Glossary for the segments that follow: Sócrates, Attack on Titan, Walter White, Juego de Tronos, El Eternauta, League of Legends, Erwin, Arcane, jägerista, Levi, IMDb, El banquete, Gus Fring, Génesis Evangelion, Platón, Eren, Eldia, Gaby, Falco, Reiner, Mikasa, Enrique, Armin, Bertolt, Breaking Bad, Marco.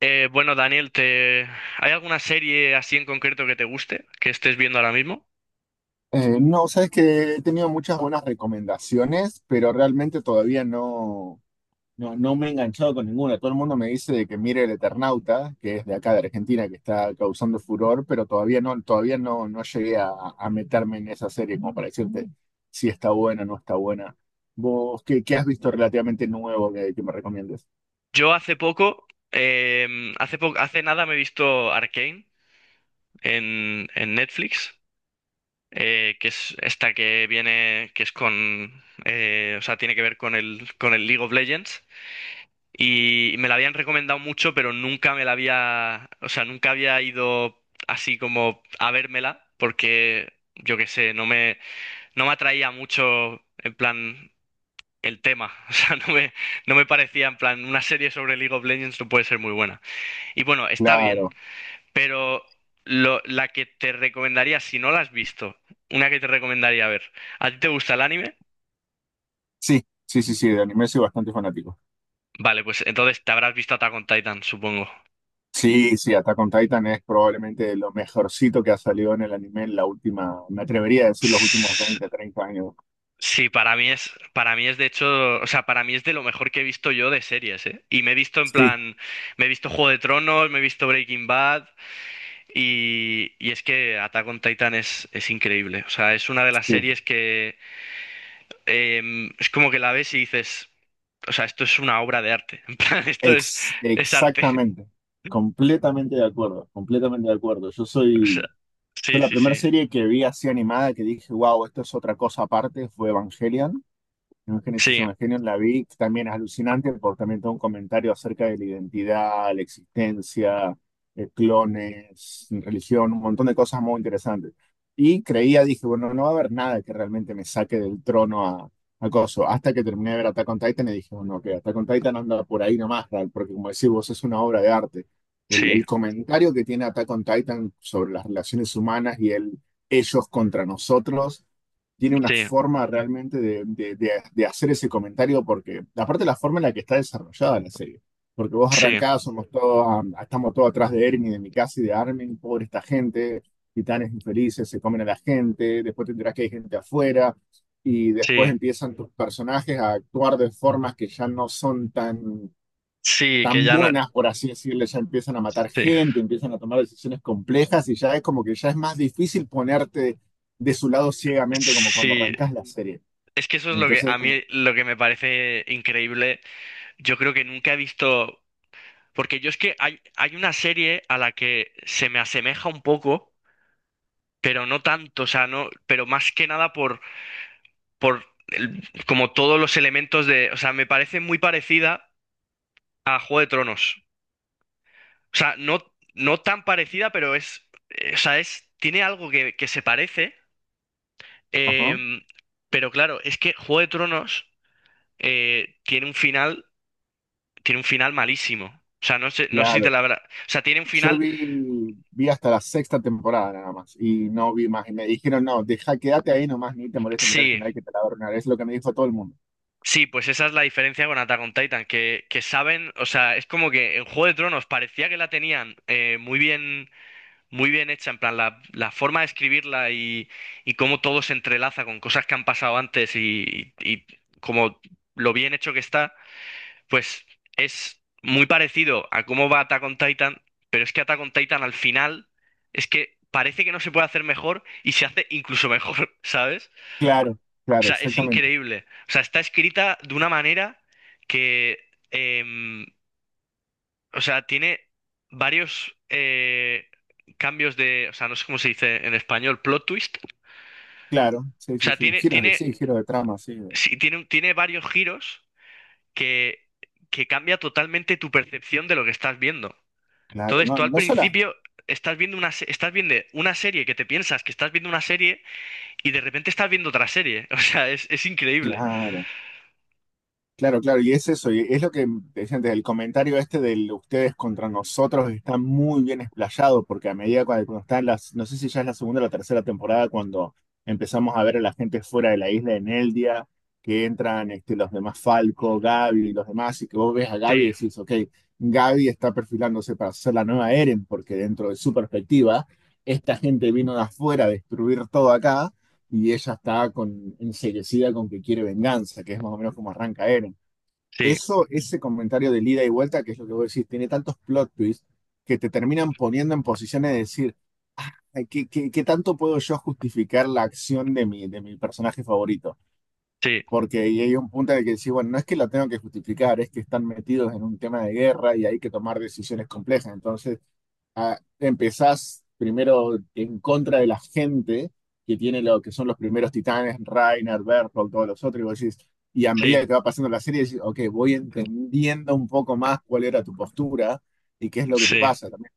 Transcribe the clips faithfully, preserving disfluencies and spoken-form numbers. Eh, bueno, Daniel, te... ¿hay alguna serie así en concreto que te guste, que estés viendo ahora mismo? Eh, no, sabes que he tenido muchas buenas recomendaciones, pero realmente todavía no, no, no me he enganchado con ninguna. Todo el mundo me dice de que mire El Eternauta, que es de acá de Argentina, que está causando furor, pero todavía no, todavía no, no llegué a, a meterme en esa serie como para decirte si está buena o no está buena. ¿Vos qué, qué has visto relativamente nuevo que, que me recomiendes? Yo hace poco, eh, hace po- hace nada me he visto Arcane en, en Netflix, eh, que es esta que viene, que es con, eh, o sea, tiene que ver con el, con el League of Legends. Y me la habían recomendado mucho, pero nunca me la había, o sea, nunca había ido así como a vérmela, porque yo qué sé, no me, no me atraía mucho, en plan. El tema. O sea, no me, no me parecía en plan, una serie sobre League of Legends no puede ser muy buena. Y bueno, está bien, Claro, pero lo- la que te recomendaría, si no la has visto, una que te recomendaría ver. ¿A ti te gusta el anime? sí, sí, sí, sí, de anime soy bastante fanático. Vale, pues entonces te habrás visto Attack on Titan, supongo. Sí, sí, Attack on Titan es probablemente lo mejorcito que ha salido en el anime en la última, me atrevería a decir los últimos S- veinte, treinta años. Sí, para mí es, para mí es de hecho, o sea, para mí es de lo mejor que he visto yo de series, ¿eh? Y me he visto en Sí, plan, me he visto Juego de Tronos, me he visto Breaking Bad, Y, y es que Attack on Titan es, es increíble. O sea, es una de las sí, series que em, es como que la ves y dices, o sea, esto es una obra de arte. En plan, esto es, ex- es arte. exactamente, completamente de acuerdo, completamente de acuerdo. Yo O sea, soy, yo sí, la sí, primera sí. serie que vi así animada que dije, wow, esto es otra cosa aparte, fue Evangelion. En Génesis Sí, Evangelion la vi, que también es alucinante porque también tengo un comentario acerca de la identidad, la existencia, eh, clones, religión, un montón de cosas muy interesantes. Y creía, dije, bueno, no va a haber nada que realmente me saque del trono a, a Coso. Hasta que terminé de ver Attack on Titan y dije, bueno, que Attack on Titan anda por ahí nomás, Ral, porque como decís vos, es una obra de arte. El, sí, el comentario que tiene Attack on Titan sobre las relaciones humanas y el ellos contra nosotros tiene una sí, forma realmente de, de- de- de hacer ese comentario, porque aparte la forma en la que está desarrollada la serie, porque vos sí, arrancás, somos todos, ah, estamos todos atrás de Ermin, de Mikasa y de Armin, pobre esta gente, titanes infelices, se comen a la gente, después te enterás que hay gente afuera, y después sí. empiezan tus personajes a actuar de formas que ya no son tan Sí, que tan ya no. buenas, por así decirlo, ya empiezan a matar Sí. gente, empiezan a tomar decisiones complejas y ya es como que ya es más difícil ponerte de su lado ciegamente como cuando Sí. arrancas la serie. Es que eso es lo que Entonces, a como, mí lo que me parece increíble. Yo creo que nunca he visto. Porque yo es que hay, hay una serie a la que se me asemeja un poco pero no tanto, o sea, no, pero más que nada por, por el- como todos los elementos de, o sea, me parece muy parecida a Juego de Tronos. O sea, no, no tan parecida, pero es, eh, o sea, es, tiene algo que, que se parece, ajá, em, pero claro, es que Juego de Tronos eh, tiene un final, tiene un final malísimo. O sea, no sé, no sé si te claro. la habrá, o sea, tiene un Yo final, vi, vi hasta la sexta temporada nada más y no vi más. Y me dijeron, no, deja, quédate ahí nomás, ni te molestes mirar el sí, final que te la va a arruinar. Es lo que me dijo todo el mundo. sí, pues esa es la diferencia con Attack on Titan, que, que saben, o sea, es como que en Juego de Tronos parecía que la tenían eh, muy bien, muy bien hecha, en plan, la, la forma de escribirla y, y cómo todo se entrelaza con cosas que han pasado antes y, y como lo bien hecho que está, pues es muy parecido a cómo va Attack on Titan, pero es que Attack on Titan al final es que parece que no se puede hacer mejor y se hace incluso mejor, ¿sabes? Claro, O claro, sea, es exactamente. increíble. O sea, está escrita de una manera que, em, o sea, tiene varios eh, cambios de, o sea, no sé cómo se dice en español, plot twist. Claro, sí, O sí, sea, sí. tiene, Giros de tiene, sí, giros de trama, sí. de- sí, tiene, un- tiene varios giros que, que cambia totalmente tu percepción de lo que estás viendo. Claro, Entonces, no, tú al no sola. principio estás viendo una, se- estás viendo una serie que te piensas que estás viendo una serie y de repente estás viendo otra serie. O sea, es, es increíble. Claro. Claro, claro, y es eso, y es lo que te decía antes, el comentario este de ustedes contra nosotros está muy bien explayado, porque a medida cuando, cuando están las, no sé si ya es la segunda o la tercera temporada, cuando empezamos a ver a la gente fuera de la isla en Eldia, que entran este, los demás Falco, Gaby y los demás, y que vos ves a Gaby y Sí, decís, ok, Gaby está perfilándose para ser la nueva Eren, porque dentro de su perspectiva, esta gente vino de afuera a destruir todo acá, y ella está con, enseguecida con que quiere venganza, que es más o menos como arranca Eren. sí, Eso, ese comentario de ida y vuelta, que es lo que vos decís, tiene tantos plot twists que te terminan poniendo en posiciones de decir, "Ay, ¿qué, qué- ¿qué tanto puedo yo justificar la acción de mi, de mi personaje favorito? sí, Porque ahí hay un punto en el que decís, bueno, no es que lo tengo que justificar, es que están metidos en un tema de guerra y hay que tomar decisiones complejas. Entonces, ah, empezás primero en contra de la gente que tiene lo que son los primeros titanes, Reiner, Berthold, todos los otros, y vos decís, y a medida sí, que va pasando la serie, decís, ok, voy entendiendo un poco más cuál era tu postura y qué es lo que te sí. pasa también.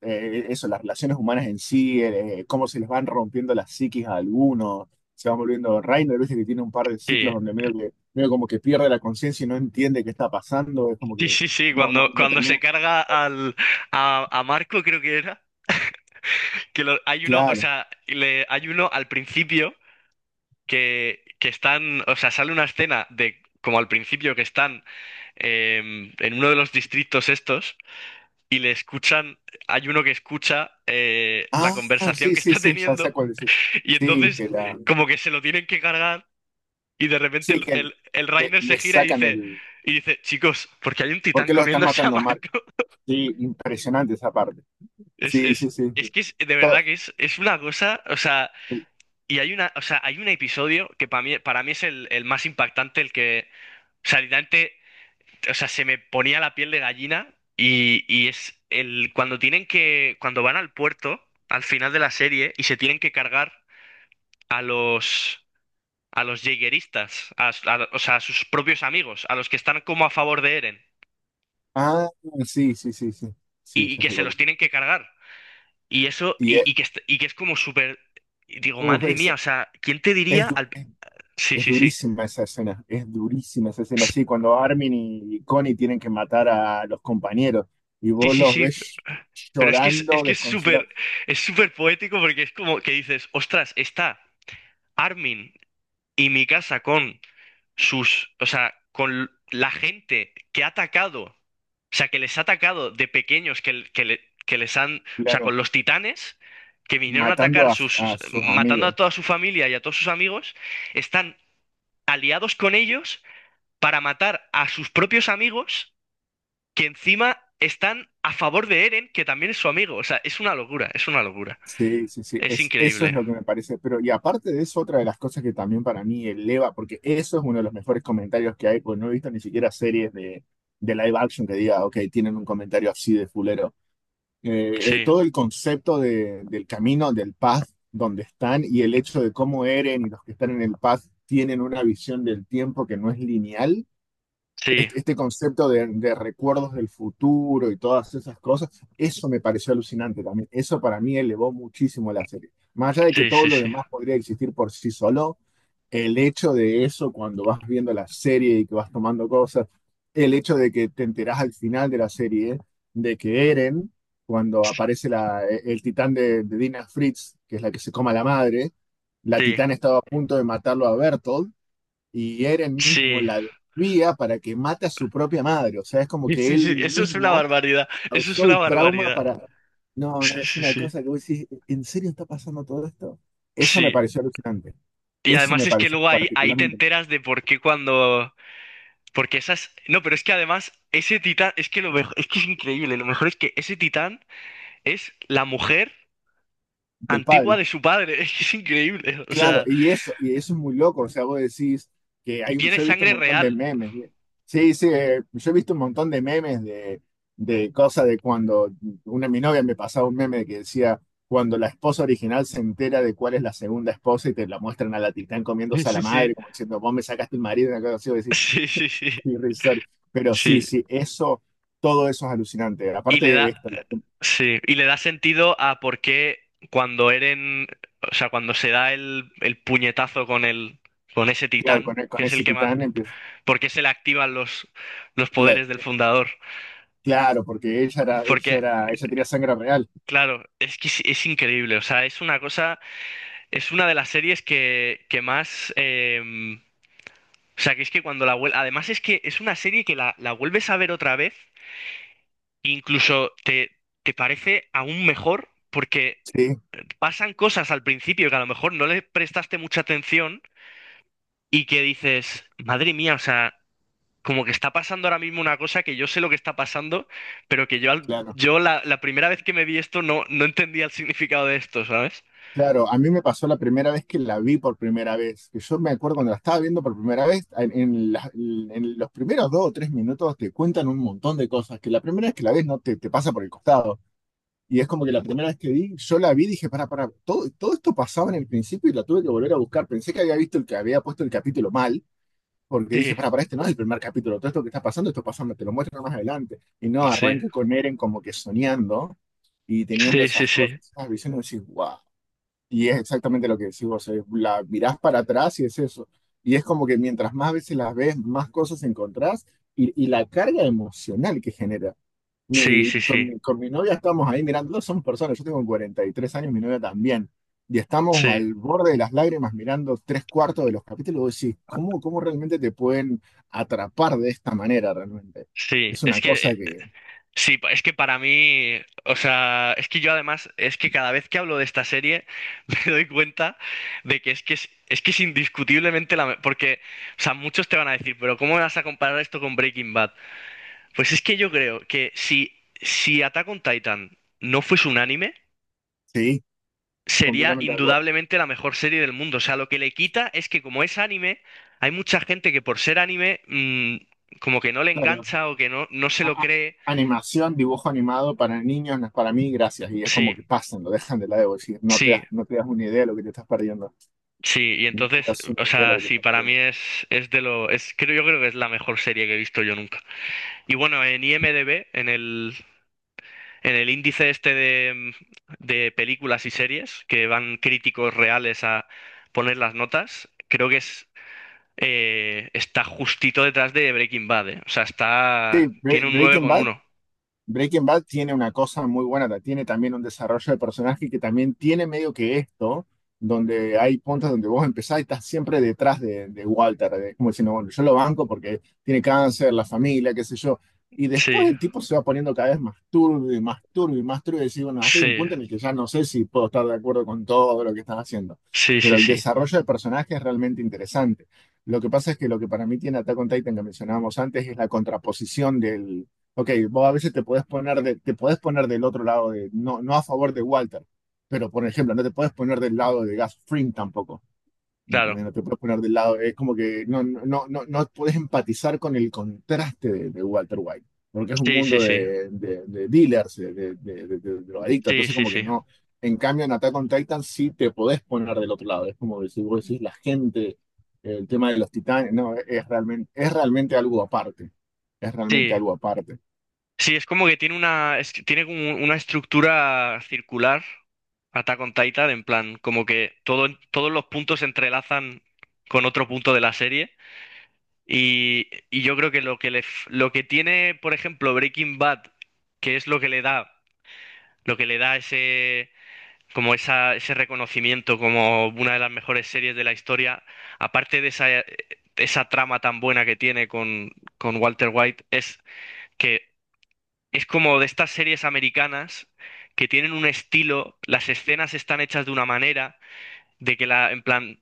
Eh, eso, las relaciones humanas en sí, eh, cómo se les van rompiendo las psiquis a algunos, se van volviendo Reiner, viste que tiene un par de ciclos Sí, donde medio que, medio como que pierde la conciencia y no entiende qué está pasando, es como sí, que sí, sí, no, no, cuando, no cuando se termina, carga al, a, a Marco, creo que era, que lo- hay uno, o claro. sea, le, hay uno al principio que, que están, o sea, sale una escena de como al principio que están em, en uno de los distritos estos y le escuchan, hay uno que escucha eh, la Ah, conversación sí, que sí, está sí, ya teniendo sé cuál decir. y Sí, entonces que la, como que se lo tienen que cargar y de repente sí, el, que el- el, el le, Reiner se le gira y sacan dice, el, y dice, chicos, porque hay un ¿por titán qué lo están comiéndose a matando a Mark? Marco. Sí, impresionante esa parte. Es, Sí, sí, es, sí, es sí. que es, de To- verdad que es, es una cosa, o sea, el- y hay una, o sea, hay un episodio que para mí, para mí es el, el más impactante, el que, o sea, literalmente, o sea, se me ponía la piel de gallina y, y es el, cuando tienen que, cuando van al puerto, al final de la serie, y se tienen que cargar a los, a los jägeristas, a, a- o sea, a sus propios amigos, a los que están como a favor de Eren, ah, sí, sí, sí, sí, sí, y, y ya que sé se cuál los decir. tienen que cargar. Y eso, Y eh, y, y que, est- y que es como súper... Y digo, uf, madre mía, es, o sea, ¿quién te es, diría du- al... Sí, es sí, sí. durísima esa escena, es durísima esa escena. S- Sí, cuando Armin y Connie tienen que matar a los compañeros y Sí, vos sí, los sí. ves Pero es que es, es llorando, que es súper, desconsolados, es súper poético porque es como que dices, ostras, está Armin y mi casa con sus, o sea, con la gente que ha atacado, o sea, que les ha atacado de pequeños, que, l- que, le- que les han, o sea, con claro, los titanes, que vinieron a matando atacar a sus, a sus matando a amigos. toda su familia y a todos sus amigos, están aliados con ellos para matar a sus propios amigos que encima están a favor de Eren, que también es su amigo. O sea, es una locura, es una locura. Sí, sí, sí, Es es, eso es increíble. lo que me parece. Pero, y aparte de eso, otra de las cosas que también para mí eleva, porque eso es uno de los mejores comentarios que hay, porque no he visto ni siquiera series de, de live action que diga, ok, tienen un comentario así de fulero. Eh, eh, Sí, todo el concepto de- del camino, del path donde están y el hecho de cómo Eren y los que están en el path tienen una visión del tiempo que no es lineal sí, este este concepto de, de recuerdos del futuro y todas esas cosas, eso me pareció alucinante también. Eso para mí elevó muchísimo la serie. Más allá de que sí, todo sí, sí, lo sí, demás podría existir por sí solo, el hecho de eso cuando vas viendo la serie y que vas tomando cosas, el hecho de que te enterás al final de la serie de que Eren, cuando aparece la, e-, el titán de, de Dina Fritz, que es la que se coma la madre, la titán estaba a punto de matarlo a Bertolt y Eren mismo sí. la desvía para que mate a su propia madre. O sea, es como Sí, que sí, él sí, eso es una mismo barbaridad, eso es causó una el trauma barbaridad. para... No, no, Sí, es sí, una sí. cosa que vos decís, ¿en serio está pasando todo esto? Eso me Sí. pareció alucinante. Y Eso además me es que pareció luego ahí, ahí te particularmente enteras de por qué cuando... Porque esas... No, pero es que además ese titán, es que lo mejor, es que es increíble, lo mejor es que ese titán es la mujer del antigua padre. de su padre, es que es increíble, o Claro, sea... y eso, y eso es muy loco, o sea, vos decís que Y hay, tiene yo he visto un sangre montón de real. memes, ¿eh? Sí, sí, eh, yo he visto un montón de memes de, de cosas de cuando una mi novia me pasaba un meme que decía, cuando la esposa original se entera de cuál es la segunda esposa y te la muestran a la titán Sí, comiéndose a la sí, sí. madre, como diciendo, vos me sacaste el marido, una cosa así, vos decís, Sí, sí, sí. qué irrisorio. Pero sí, Sí. sí, eso, todo eso es alucinante. Y le Aparte, da, esto, la- sí, y le da sentido a por qué cuando Eren, o sea, cuando se da el, el puñetazo con el, con ese claro, con, titán, que con es el ese que mata, titán empieza. por qué se le activan los, los poderes del fundador. Claro, porque ella era, ella Porque, era, ella tenía sangre real. claro, es que es, es increíble. O sea, es una cosa, es una de las series que, que más, eh, o sea, que es que cuando la vuelve, además es que es una serie que la, la vuelves a ver otra vez, incluso te, te parece aún mejor porque Sí, pasan cosas al principio que a lo mejor no le prestaste mucha atención y que dices, madre mía, o sea, como que está pasando ahora mismo una cosa que yo sé lo que está pasando, pero que yo, al- claro. yo la, la primera vez que me vi esto no, no entendía el significado de esto, ¿sabes? Claro, a mí me pasó la primera vez que la vi por primera vez, que yo me acuerdo cuando la estaba viendo por primera vez, en, en la- en los primeros dos o tres minutos te cuentan un montón de cosas que la primera vez que la ves no te, te pasa por el costado. Y es como que la primera vez que vi, yo la vi y dije, para, para, todo, todo esto pasaba en el principio y la tuve que volver a buscar. Pensé que había visto el que había puesto el capítulo mal, porque dije, Sí, para, para, este no es el primer capítulo, todo esto que está pasando, esto pasa, te lo muestro más adelante. Y no, sí, arranca con Eren como que soñando y teniendo sí, sí, esas sí, cosas, esas visiones, decís, wow. Y es exactamente lo que decís vos, eh, la mirás para atrás y es eso. Y es como que mientras más veces las ves, más cosas encontrás y, y la carga emocional que genera. sí, sí, Mi- con, sí, mi, con mi novia estamos ahí mirando, dos somos personas, yo tengo cuarenta y tres años, mi novia también. Y estamos sí, al borde de las lágrimas mirando tres cuartos de los capítulos. Y vos decís, ¿cómo, ¿cómo realmente te pueden atrapar de esta manera realmente? sí. Es Es una que cosa eh, que, sí, pa- es que para mí, o sea, es que yo además, es que cada vez que hablo de esta serie me doy cuenta de que es que es, es que es indiscutiblemente la... me- Porque, o sea, muchos te van a decir, pero ¿cómo vas a comparar esto con Breaking Bad? Pues es que yo creo que si, si Attack on Titan no fuese un anime, sí, sería completamente de acuerdo. indudablemente la mejor serie del mundo. O sea, lo que le quita es que como es anime, hay mucha gente que por ser anime, mm, como que no le Claro, engancha o que no, no se a- lo a- cree. animación, dibujo animado para niños no es para mí, gracias. Y es como Sí. que pasan, lo dejan de lado. Y no te Sí, das, no te das una idea de lo que te estás perdiendo. sí, y No te entonces, das o una idea de lo sea, que te sí, estás para mí perdiendo. es, es de lo, es, creo, yo creo que es la mejor serie que he visto yo nunca. Y bueno, en IMDb, en el, en el índice este de, de películas y series, que van críticos reales a poner las notas, creo que es, eh, está justito detrás de Breaking Bad, eh. O sea, está, Bre- tiene un nueve Breaking con Bad. uno Breaking Bad tiene una cosa muy buena, ta- tiene también un desarrollo de personaje que también tiene medio que esto, donde hay puntos donde vos empezás y estás siempre detrás de, de Walter, de- como diciendo, bueno, yo lo banco porque tiene cáncer, la familia, qué sé yo. Y después Sí, el tipo se va poniendo cada vez más turbio y más turbio y más turbio y decís, bueno, hasta hay un sí, punto en el que ya no sé si puedo estar de acuerdo con todo lo que estás haciendo. sí, Pero sí, el sí, desarrollo de personaje es realmente interesante. Lo que pasa es que lo que para mí tiene Attack on Titan que mencionábamos antes es la contraposición. Ok, vos a veces te puedes poner de, te puedes poner del otro lado de, no, no a favor de Walter, pero por ejemplo, no te puedes poner del lado de Gus Fring tampoco. ¿Me ¿Entendés? claro. No te puedes poner del lado, es como que no, no, no, no no puedes empatizar con el contraste de, de Walter White, porque es un Sí, sí, mundo sí, de, de- de dealers, de, de, de- de- de drogadictos, sí, entonces sí, como que sí. no. En cambio, en Attack on Titan sí te podés poner del otro lado, es como que si vos decís la gente, el tema de los titanes, no, es realmente, es realmente algo aparte, es realmente Sí, algo aparte. sí, es como que tiene una, es que tiene como una estructura circular, Attack on Titan, en plan, como que todo, todos los puntos se entrelazan con otro punto de la serie. Y, y yo creo que lo que le, f- lo que tiene, por ejemplo, Breaking Bad, que es lo que le da, lo que le da ese, como esa, ese reconocimiento como una de las mejores series de la historia, aparte de esa, eh, esa trama tan buena que tiene con, con Walter White, es que es como de estas series americanas que tienen un estilo, las escenas están hechas de una manera, de que la, en plan,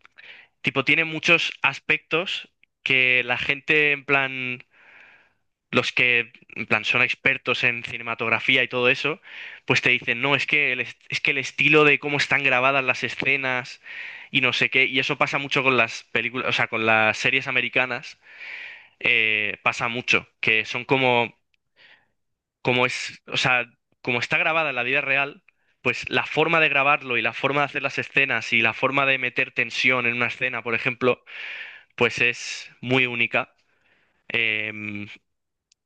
tipo, tiene muchos aspectos que la gente, en plan, los que, en plan, son expertos en cinematografía y todo eso, pues te dicen, no, es que el, est- es que el estilo de cómo están grabadas las escenas y no sé qué, y eso pasa mucho con las películas, o sea, con las series americanas, eh, pasa mucho, que son como como es, o sea, como está grabada en la vida real, pues la forma de grabarlo y la forma de hacer las escenas y la forma de meter tensión en una escena, por ejemplo, pues es muy única. Eh,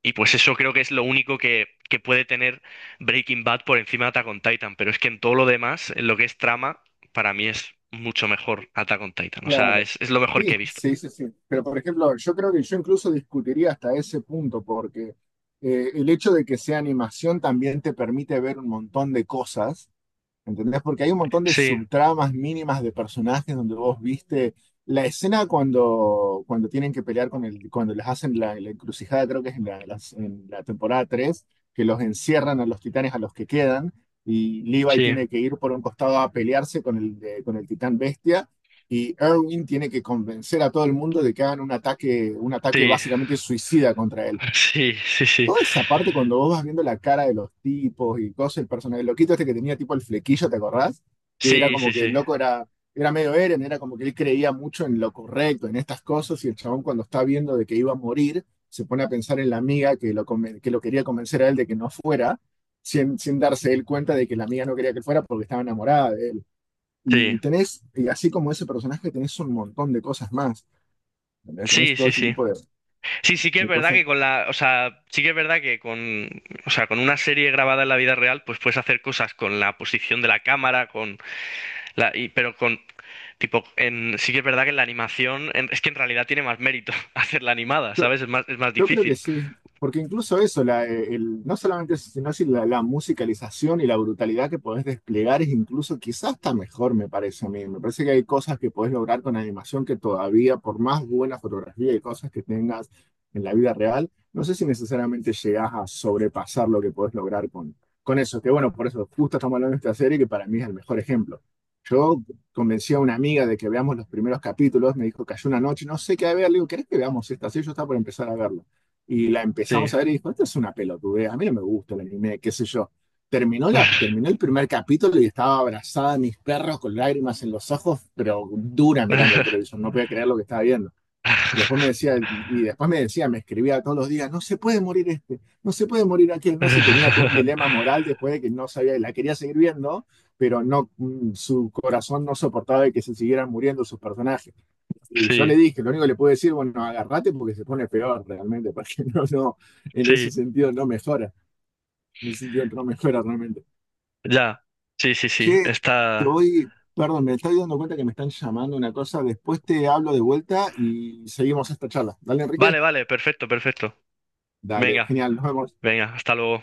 y pues eso creo que es lo único que, que puede tener Breaking Bad por encima de Attack on Titan. Pero es que en todo lo demás, en lo que es trama, para mí es mucho mejor Attack on Titan. O sea, Claro. es, es lo mejor que he Sí, visto. sí, sí, sí. Pero por ejemplo, yo creo que yo incluso discutiría hasta ese punto, porque eh, el hecho de que sea animación también te permite ver un montón de cosas. ¿Entendés? Porque hay un montón de Sí, subtramas mínimas de personajes donde vos viste la escena cuando, cuando tienen que pelear con el, cuando les hacen la, la encrucijada, creo que es en la, las- en la temporada tres que los encierran a los titanes a los que quedan, y Levi sí, tiene que ir por un costado a pelearse con el, de- con el titán bestia, y Erwin tiene que convencer a todo el mundo de que hagan un ataque, un ataque sí, básicamente suicida contra él. sí, sí, sí, Toda esa parte cuando vos vas viendo la cara de los tipos y cosas, el personaje, el loquito este que tenía tipo el flequillo, ¿te acordás? Que era sí, sí, como que el loco era, era medio Eren, era como que él creía mucho en lo correcto, en estas cosas, y el chabón cuando está viendo de que iba a morir, se pone a pensar en la amiga que lo, conven- que lo quería convencer a él de que no fuera, sin, sin darse él cuenta de que la amiga no quería que él fuera porque estaba enamorada de él. sí, Y tenés, y así como ese personaje, tenés un montón de cosas más. ¿Entendés? Tenés sí, todo sí, ese sí. Sí. tipo de, Sí, sí que es de verdad cosas. que con la, o sea, sí que es verdad que con, o sea, con una serie grabada en la vida real, pues puedes hacer cosas con la posición de la cámara, con la, y- pero con, tipo, en, sí que es verdad que en la animación, en- es que en realidad tiene más mérito hacerla animada, ¿sabes? Es más, es más Yo creo que difícil. sí, porque incluso eso, la, eh, el, no solamente eso, sino así la, la musicalización y la brutalidad que podés desplegar es incluso quizás hasta mejor, me parece a mí. Me parece que hay cosas que podés lograr con animación que todavía, por más buena fotografía y cosas que tengas en la vida real, no sé si necesariamente llegás a sobrepasar lo que podés lograr con, con eso. Que bueno, por eso justo estamos hablando de esta serie que para mí es el mejor ejemplo. Yo convencí a una amiga de que veamos los primeros capítulos, me dijo, cayó una noche, no sé qué ver, le digo, ¿querés que veamos esta serie? Yo estaba por empezar a verla. Y la Sí. empezamos a ver y dijo, esto es una pelotudez, a mí no me gusta el anime, qué sé yo. Terminó, la, terminó el primer capítulo y estaba abrazada a mis perros con lágrimas en los ojos, pero dura mirando el televisor, no podía creer lo que estaba viendo. Y después me decía, y después me decía, me escribía todos los días, no se puede morir este, no se puede morir aquel, no sé, tenía todo un dilema moral después de que no sabía, la quería seguir viendo, pero no, mm, su corazón no soportaba de que se siguieran muriendo sus personajes. Y yo Sí, le dije, lo único que le puedo decir, bueno, agarrate porque se pone peor realmente, porque no, no, en ese sí, sentido no mejora, en ese sentido no mejora realmente. ya. Sí, sí, sí, Che, te está. voy, perdón, me estoy dando cuenta que me están llamando una cosa, después te hablo de vuelta y seguimos esta charla. Dale, Enrique. Vale, vale, perfecto, perfecto. Dale, Venga, genial, nos vemos. venga, hasta luego.